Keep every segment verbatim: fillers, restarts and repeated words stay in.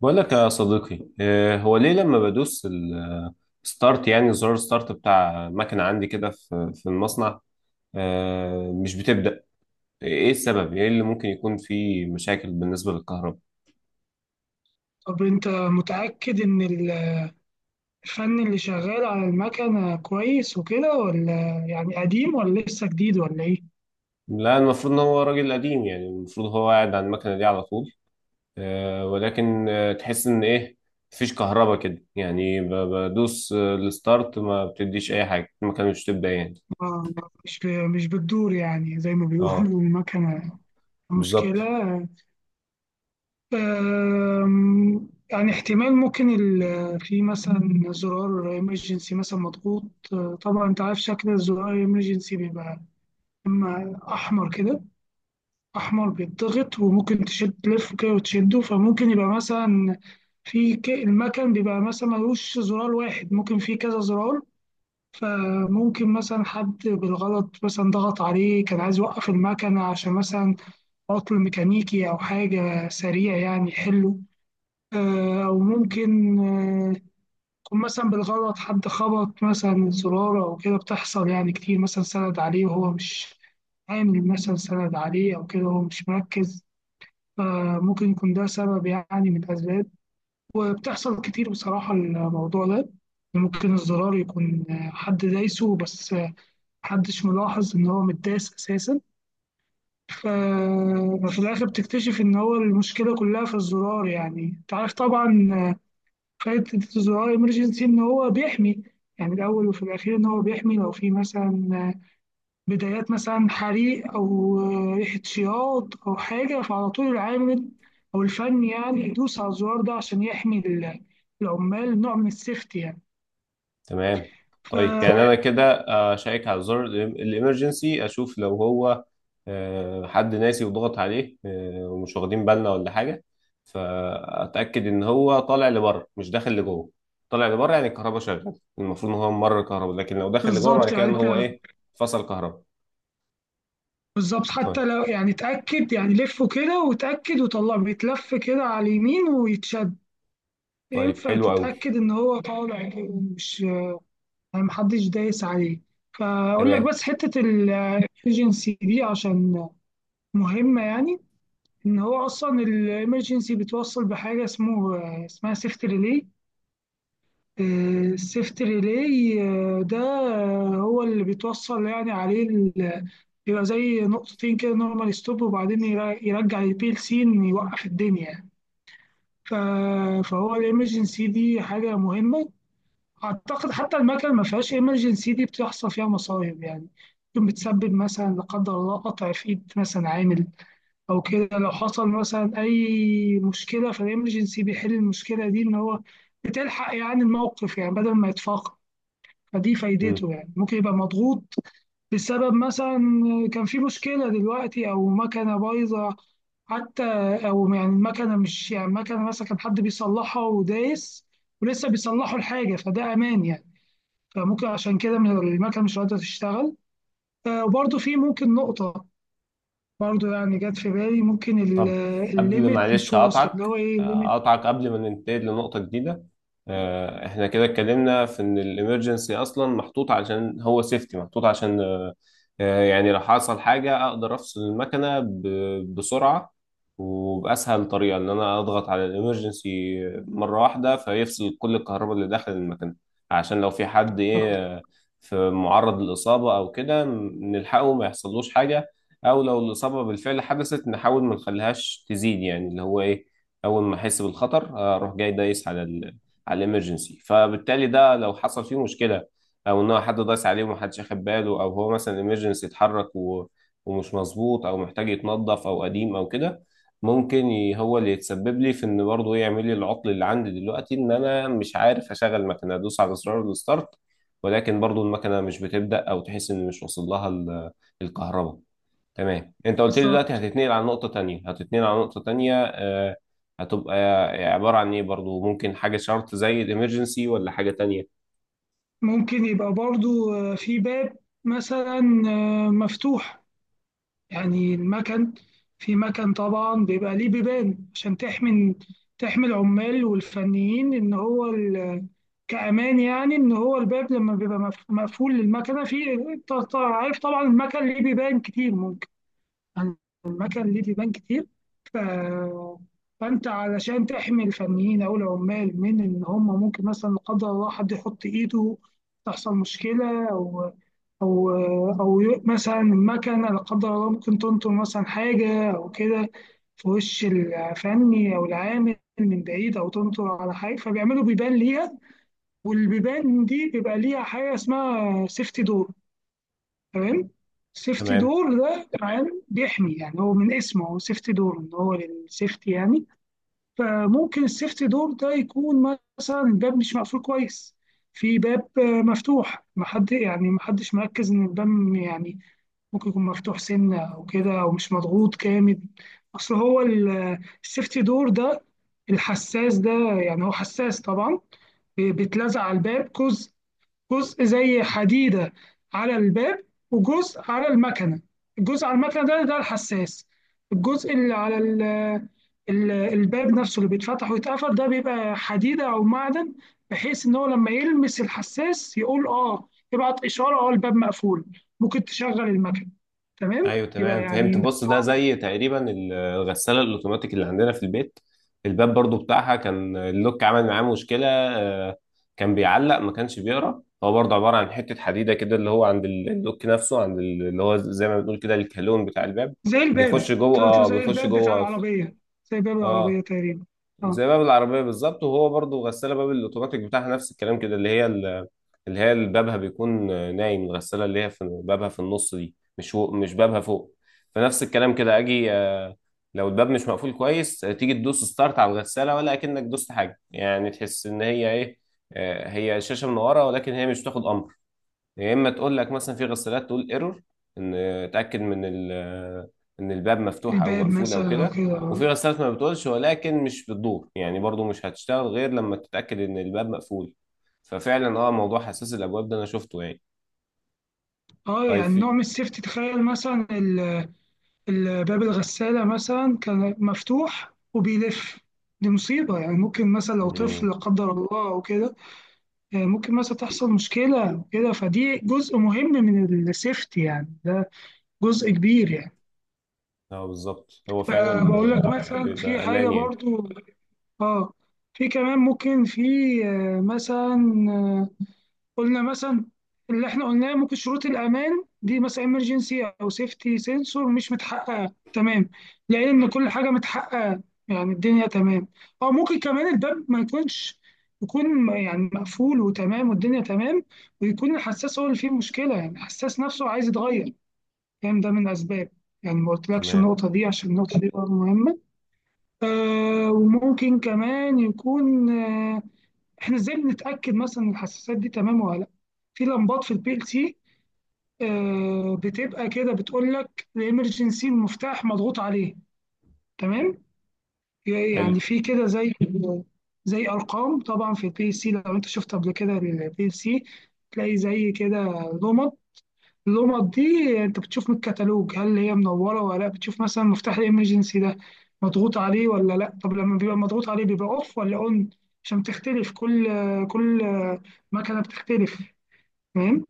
بقول لك يا صديقي، آه، هو ليه لما بدوس الستارت، يعني زرار ستارت بتاع مكنة عندي كده في في المصنع، آه، مش بتبدأ؟ ايه السبب؟ ايه اللي ممكن يكون فيه مشاكل بالنسبة للكهرباء؟ طب انت متأكد ان الفن اللي شغال على المكنة كويس وكده، ولا يعني قديم، ولا لسه جديد، ولا ايه؟ لا، المفروض ان هو راجل قديم، يعني المفروض هو قاعد على المكنة دي على طول، آه، ولكن آه، تحس ان ايه؟ مفيش كهرباء كده، يعني ب- بدوس آه، الستارت، ما بتديش اي حاجة، المكنة مش بتبدأ يعني. آه، مش مش بتدور يعني، زي ما اه، بيقولوا، المكنة بالظبط. مشكلة. آم، يعني احتمال ممكن ال- في مثلا زرار emergency مثلا مضغوط. آه، طبعا انت عارف شكل الزرار emergency بيبقى اما احمر كده، أحمر بيتضغط وممكن تشد تلف كده وتشده، فممكن يبقى مثلا في ك- المكن بيبقى مثلا ملوش زرار واحد، ممكن في كذا زرار. فممكن مثلا حد بالغلط مثلا ضغط عليه، كان عايز يوقف المكنة عشان مثلا عطل ميكانيكي أو حاجة سريع يعني يحله. آه، أو ممكن آه، يكون مثلا بالغلط حد خبط مثلا زرار أو كده، بتحصل يعني كتير، مثلا سند عليه وهو مش عامل، مثلا سند عليه أو كده وهو مش مركز. فممكن يكون ده سبب يعني من الأسباب. وبتحصل كتير بصراحة الموضوع ده يعني. ممكن الزرار يكون حد دايسه بس محدش ملاحظ إن هو متداس أساسا. ف- ففي الآخر بتكتشف إن هو المشكلة كلها في الزرار. يعني أنت عارف طبعا فائدة الزرار إمرجنسي إن هو بيحمي. يعني الأول وفي الأخير إن هو بيحمي لو في مثلا بدايات مثلا حريق أو ريحة شياط أو حاجة، فعلى طول العامل أو الفني يعني يدوس على الزرار ده عشان يحمي ال- العمال، نوع من السيفتي يعني. تمام. طيب يعني ف- انا كده آه، شيك على زر الامرجنسي، اشوف لو هو آه، حد ناسي وضغط عليه، آه، ومش واخدين بالنا ولا حاجه. فاتاكد ان هو طالع لبره مش داخل لجوه. طالع لبره يعني الكهرباء شغاله. المفروض ان هو ممر كهرباء، لكن لو داخل لجوه معنى بالظبط كده يعني ان هو انت، ايه؟ فصل كهرباء. بالظبط، طيب. حتى لو يعني اتأكد، يعني لفه كده وتأكد وطلع بيتلف كده على اليمين ويتشد. طيب ينفع حلو قوي. تتأكد ان هو طالع كده، مش يعني محدش دايس عليه. فأقول تمام. لك بس حتة الايجنسي دي عشان مهمة يعني. ان هو اصلا الامرجنسي بتوصل بحاجه اسمه اسمها سيفت ريلي. السيفت ريلي ده هو اللي بيتوصل يعني عليه ال- بيبقى زي نقطتين كده نورمال ستوب، وبعدين يرا- يرجع البي ال سي إن يوقف الدنيا يعني. ف- فهو الامرجنسي دي حاجه مهمه. اعتقد حتى المكن ما فيهاش امرجنسي دي بتحصل فيها مصايب يعني. ممكن بتسبب مثلا لا قدر الله قطع في ايد مثلا عامل او كده، لو حصل مثلا اي مشكله فالامرجنسي بيحل المشكله دي، ان هو بتلحق يعني الموقف يعني بدل ما يتفاقم. فدي مم. فايدته يعني. ممكن يبقى مضغوط بسبب مثلا كان في مشكله دلوقتي او مكنه بايظه حتى، او يعني المكنه مش، يعني مكنه مثلا كان حد بيصلحها ودايس ولسه بيصلحوا الحاجه، فده امان يعني. فممكن عشان كده من المكنه مش قادره تشتغل. آه، وبرضه في ممكن نقطه، برضه يعني جت في بالي، ممكن ال- طب قبل، الليميت مش معلش واصل، اللي هقطعك هو ايه الليميت. هقطعك قبل ما ننتقل لنقطة جديدة. آه، احنا كده اتكلمنا في ان الامرجنسي اصلا محطوط عشان هو سيفتي، محطوط عشان آه، آه، يعني لو حصل حاجة اقدر افصل المكنة ب- بسرعة، وبأسهل طريقة ان انا اضغط على الامرجنسي مرة واحدة فيفصل كل الكهرباء اللي داخل المكنة، عشان لو في حد ايه، آه، في معرض للإصابة او كده، م- نلحقه ما يحصلوش حاجة، او لو الاصابه بالفعل حدثت نحاول ما نخليهاش تزيد، يعني اللي هو ايه، اول ما احس بالخطر آه، اروح جاي دايس على ال على الامرجنسي. فبالتالي ده لو حصل فيه مشكله، او ان هو حد دايس عليه ومحدش اخد باله، او هو مثلا الامرجنسي اتحرك و- ومش مظبوط، او محتاج يتنظف، او قديم او كده، ممكن ي- هو اللي يتسبب لي في ان برضه يعمل لي العطل اللي عندي دلوقتي، ان انا مش عارف اشغل المكنه، ادوس على زرار الستارت ولكن برضه المكنه مش بتبدا، او تحس ان مش واصل لها ال- الكهرباء. تمام. انت قلت لي دلوقتي بالظبط. هتتنقل على نقطة تانية هتتنقل على نقطة تانية، آه، هتبقى عبارة عن ايه؟ برضو ممكن حاجة شرط زي الامرجنسي ولا حاجة تانية؟ ممكن يبقى برضه آه، في باب مثلا آه، مفتوح. يعني المكن، في مكن طبعا بيبقى ليه بيبان عشان تحمي تحمي العمال والفنيين ان هو ال- كأمان يعني. ان هو الباب لما بيبقى مف- مقفول للمكنه، في ط- ط- عارف طبعا المكن ليه بيبان كتير، المكن ليه ديبان كتير. ف... فانت علشان تحمي الفنيين او العمال من ان هم ممكن مثلا لا قدر الله حد يحط ايده، تحصل مشكله، او او او ي- مثلا المكنه لا قدر الله ممكن تنطر مثلا حاجه او كده في وش الفني او العامل من بعيد، او تنطر على حاجه، فبيعملوا بيبان ليها. والبيبان دي بيبقى ليها حاجه اسمها سيفتي دور، تمام. سيفتي تمام. دور ده عام بيحمي يعني، هو من اسمه هو سيفتي دور، ان هو للسيفتي يعني. فممكن السيفتي دور ده يكون مثلا الباب مش مقفول كويس، في باب آه، مفتوح، محد يعني محدش مركز ان الباب م- يعني ممكن يكون مفتوح سنة او كده، او مش مضغوط جامد. اصل هو ال- السيفتي دور ده، الحساس ده، يعني هو حساس طبعا، بيتلزق على الباب جزء، جزء زي حديدة على الباب، وجزء على المكنة. الجزء على المكنة ده ده الحساس. الجزء اللي على ال ال- الباب نفسه اللي بيتفتح ويتقفل ده بيبقى حديدة أو معدن، بحيث إن هو لما يلمس الحساس يقول آه، يبعت إشارة آه الباب مقفول، ممكن تشغل المكنة، تمام. ايوه، يبقى تمام، فهمت. يعني بص ده زي تقريبا الغسالة الاوتوماتيك اللي عندنا في البيت. الباب برضو بتاعها كان اللوك عمل معاه مشكلة، آه، كان بيعلق، ما كانش بيقرا. هو برضو عبارة عن حتة حديدة كده اللي هو عند اللوك نفسه، عند اللي هو زي ما بنقول كده الكالون بتاع الباب. زي بيخش الباب، جوه. طلعت له اه، زي بيخش الباب بتاع جوه. العربية، زي باب العربية اه، تقريبا. آه، زي باب العربية بالظبط. وهو برضو غسالة باب الأوتوماتيك بتاعها نفس الكلام كده، اللي هي ال- اللي هي اللي بابها بيكون نايم. الغسالة اللي هي في بابها في النص دي، مش هو مش بابها فوق. فنفس الكلام كده أجي، آه، لو الباب مش مقفول كويس، آه، تيجي تدوس ستارت على الغسالة، ولا أكنك دوست حاجة، يعني تحس إن هي إيه، آه، هي شاشة من ورا، ولكن هي مش بتاخد أمر. يا اما تقول لك، مثلا في غسالات تقول ايرور ان اتاكد من ال ان الباب مفتوح او الباب مقفول او مثلا أو كده. كده. وفي آه. غسالات ما بتقولش ولكن مش بتدور يعني، برضو مش هتشتغل غير لما تتاكد ان الباب مقفول. ففعلا، اه، موضوع حساس الابواب ده انا شفته يعني. اه، طيب يعني نوع في. من السيفتي، تخيل مثلا ال- ال- باب الغسالة مثلا كان مفتوح وبيلف، دي مصيبة يعني. ممكن مثلا لو طفل مم. لا قدر الله أو كده، آه، ممكن مثلا تحصل مشكلة أو كده، فدي جزء مهم من السيفتي يعني، ده جزء كبير يعني. اه، بالظبط، هو آه، فعلا بقول لك آه، مثلا في بيبقى حاجة امان يعني. برضو. اه، في كمان ممكن في آه، مثلا آه، قلنا مثلا، اللي احنا قلناه، ممكن شروط الامان دي مثلا امرجنسي او سيفتي سنسور مش متحققه تمام، لقينا ان كل حاجه متحققه، يعني الدنيا تمام. او ممكن كمان الباب ما يكونش، يكون يعني مقفول وتمام والدنيا تمام، ويكون الحساس هو اللي فيه مشكله، يعني الحساس نفسه عايز يتغير يعني. ده من اسباب يعني، ما قلتلكش تمام. النقطه دي عشان النقطه دي برضه مهمه. آه وممكن كمان يكون، آه احنا ازاي بنتاكد مثلا إن الحساسات دي تمام ولا لا؟ في لمبات في البي ال سي، آه، بتبقى كده بتقول لك الامرجنسي المفتاح مضغوط عليه، تمام. يعني حلو. في كده زي زي ارقام طبعا في البي ال سي. لو انت شفت قبل كده البي ال سي تلاقي زي كده لمب. اللمض دي انت بتشوف من الكتالوج هل هي منوره ولا لا، بتشوف مثلا مفتاح الامرجنسي ده مضغوط عليه ولا لا. طب لما بيبقى مضغوط عليه بيبقى اوف ولا اون؟ عشان تختلف، كل كل مكنه بتختلف، تمام.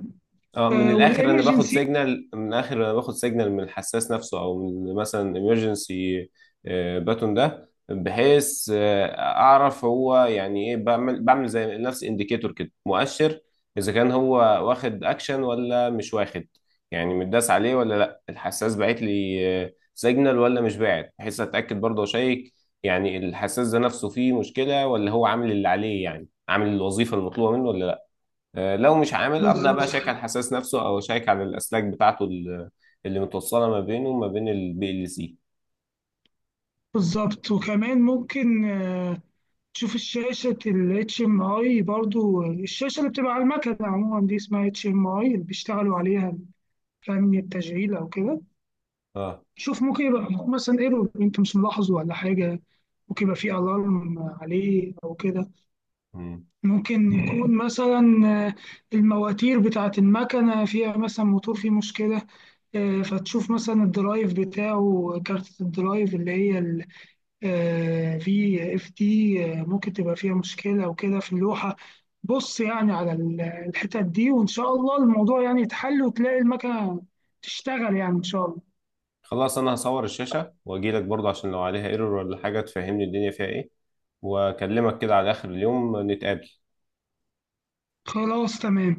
اه، من آه الاخر انا باخد والامرجنسي، سيجنال من الاخر انا باخد سيجنال من الحساس نفسه، او من مثلا امرجنسي باتون ده، بحيث آه، اعرف هو يعني ايه، بعمل بعمل زي نفس انديكيتور كده، مؤشر اذا كان هو واخد اكشن ولا مش واخد، يعني متداس عليه ولا لا، الحساس باعت لي سيجنال ولا مش باعت، بحيث اتاكد برضه واشيك يعني الحساس ده نفسه فيه مشكله، ولا هو عامل اللي عليه، يعني عامل الوظيفه المطلوبه منه ولا لا. آه، لو مش عامل ابدا بقى، بالظبط. شيك على الحساس نفسه او شيك على الاسلاك بتاعته ال- اللي متوصله ما بينه وما بين البي ال سي. بالظبط وكمان ممكن آه تشوف الشاشه الاتش ام اي، برضو الشاشه اللي بتبقى على المكنه عموما دي اسمها اتش ام اي، اللي بيشتغلوا عليها فني التشغيل او كده. اه. شوف ممكن يبقى مثلا ايرور انت مش ملاحظه، ولا حاجة ممكن يبقى فيه الارم عليه او كده. مم. ممكن يكون مثلا آه، المواتير بتاعة المكنة فيها مثلا موتور فيه مشكلة. آه، فتشوف مثلا الدرايف بتاعه، كارت الدرايف اللي هي ال آه، في اف دي، آه، ممكن تبقى فيها مشكلة او كده في اللوحة. بص يعني على ال- الحتت دي، وان شاء الله الموضوع يعني يتحل وتلاقي المكنة تشتغل يعني ان شاء الله. خلاص، انا هصور الشاشه واجي لك برضه عشان لو عليها ايرور ولا حاجه تفهمني الدنيا فيها ايه، واكلمك كده على اخر اليوم نتقابل. خلاص تمام.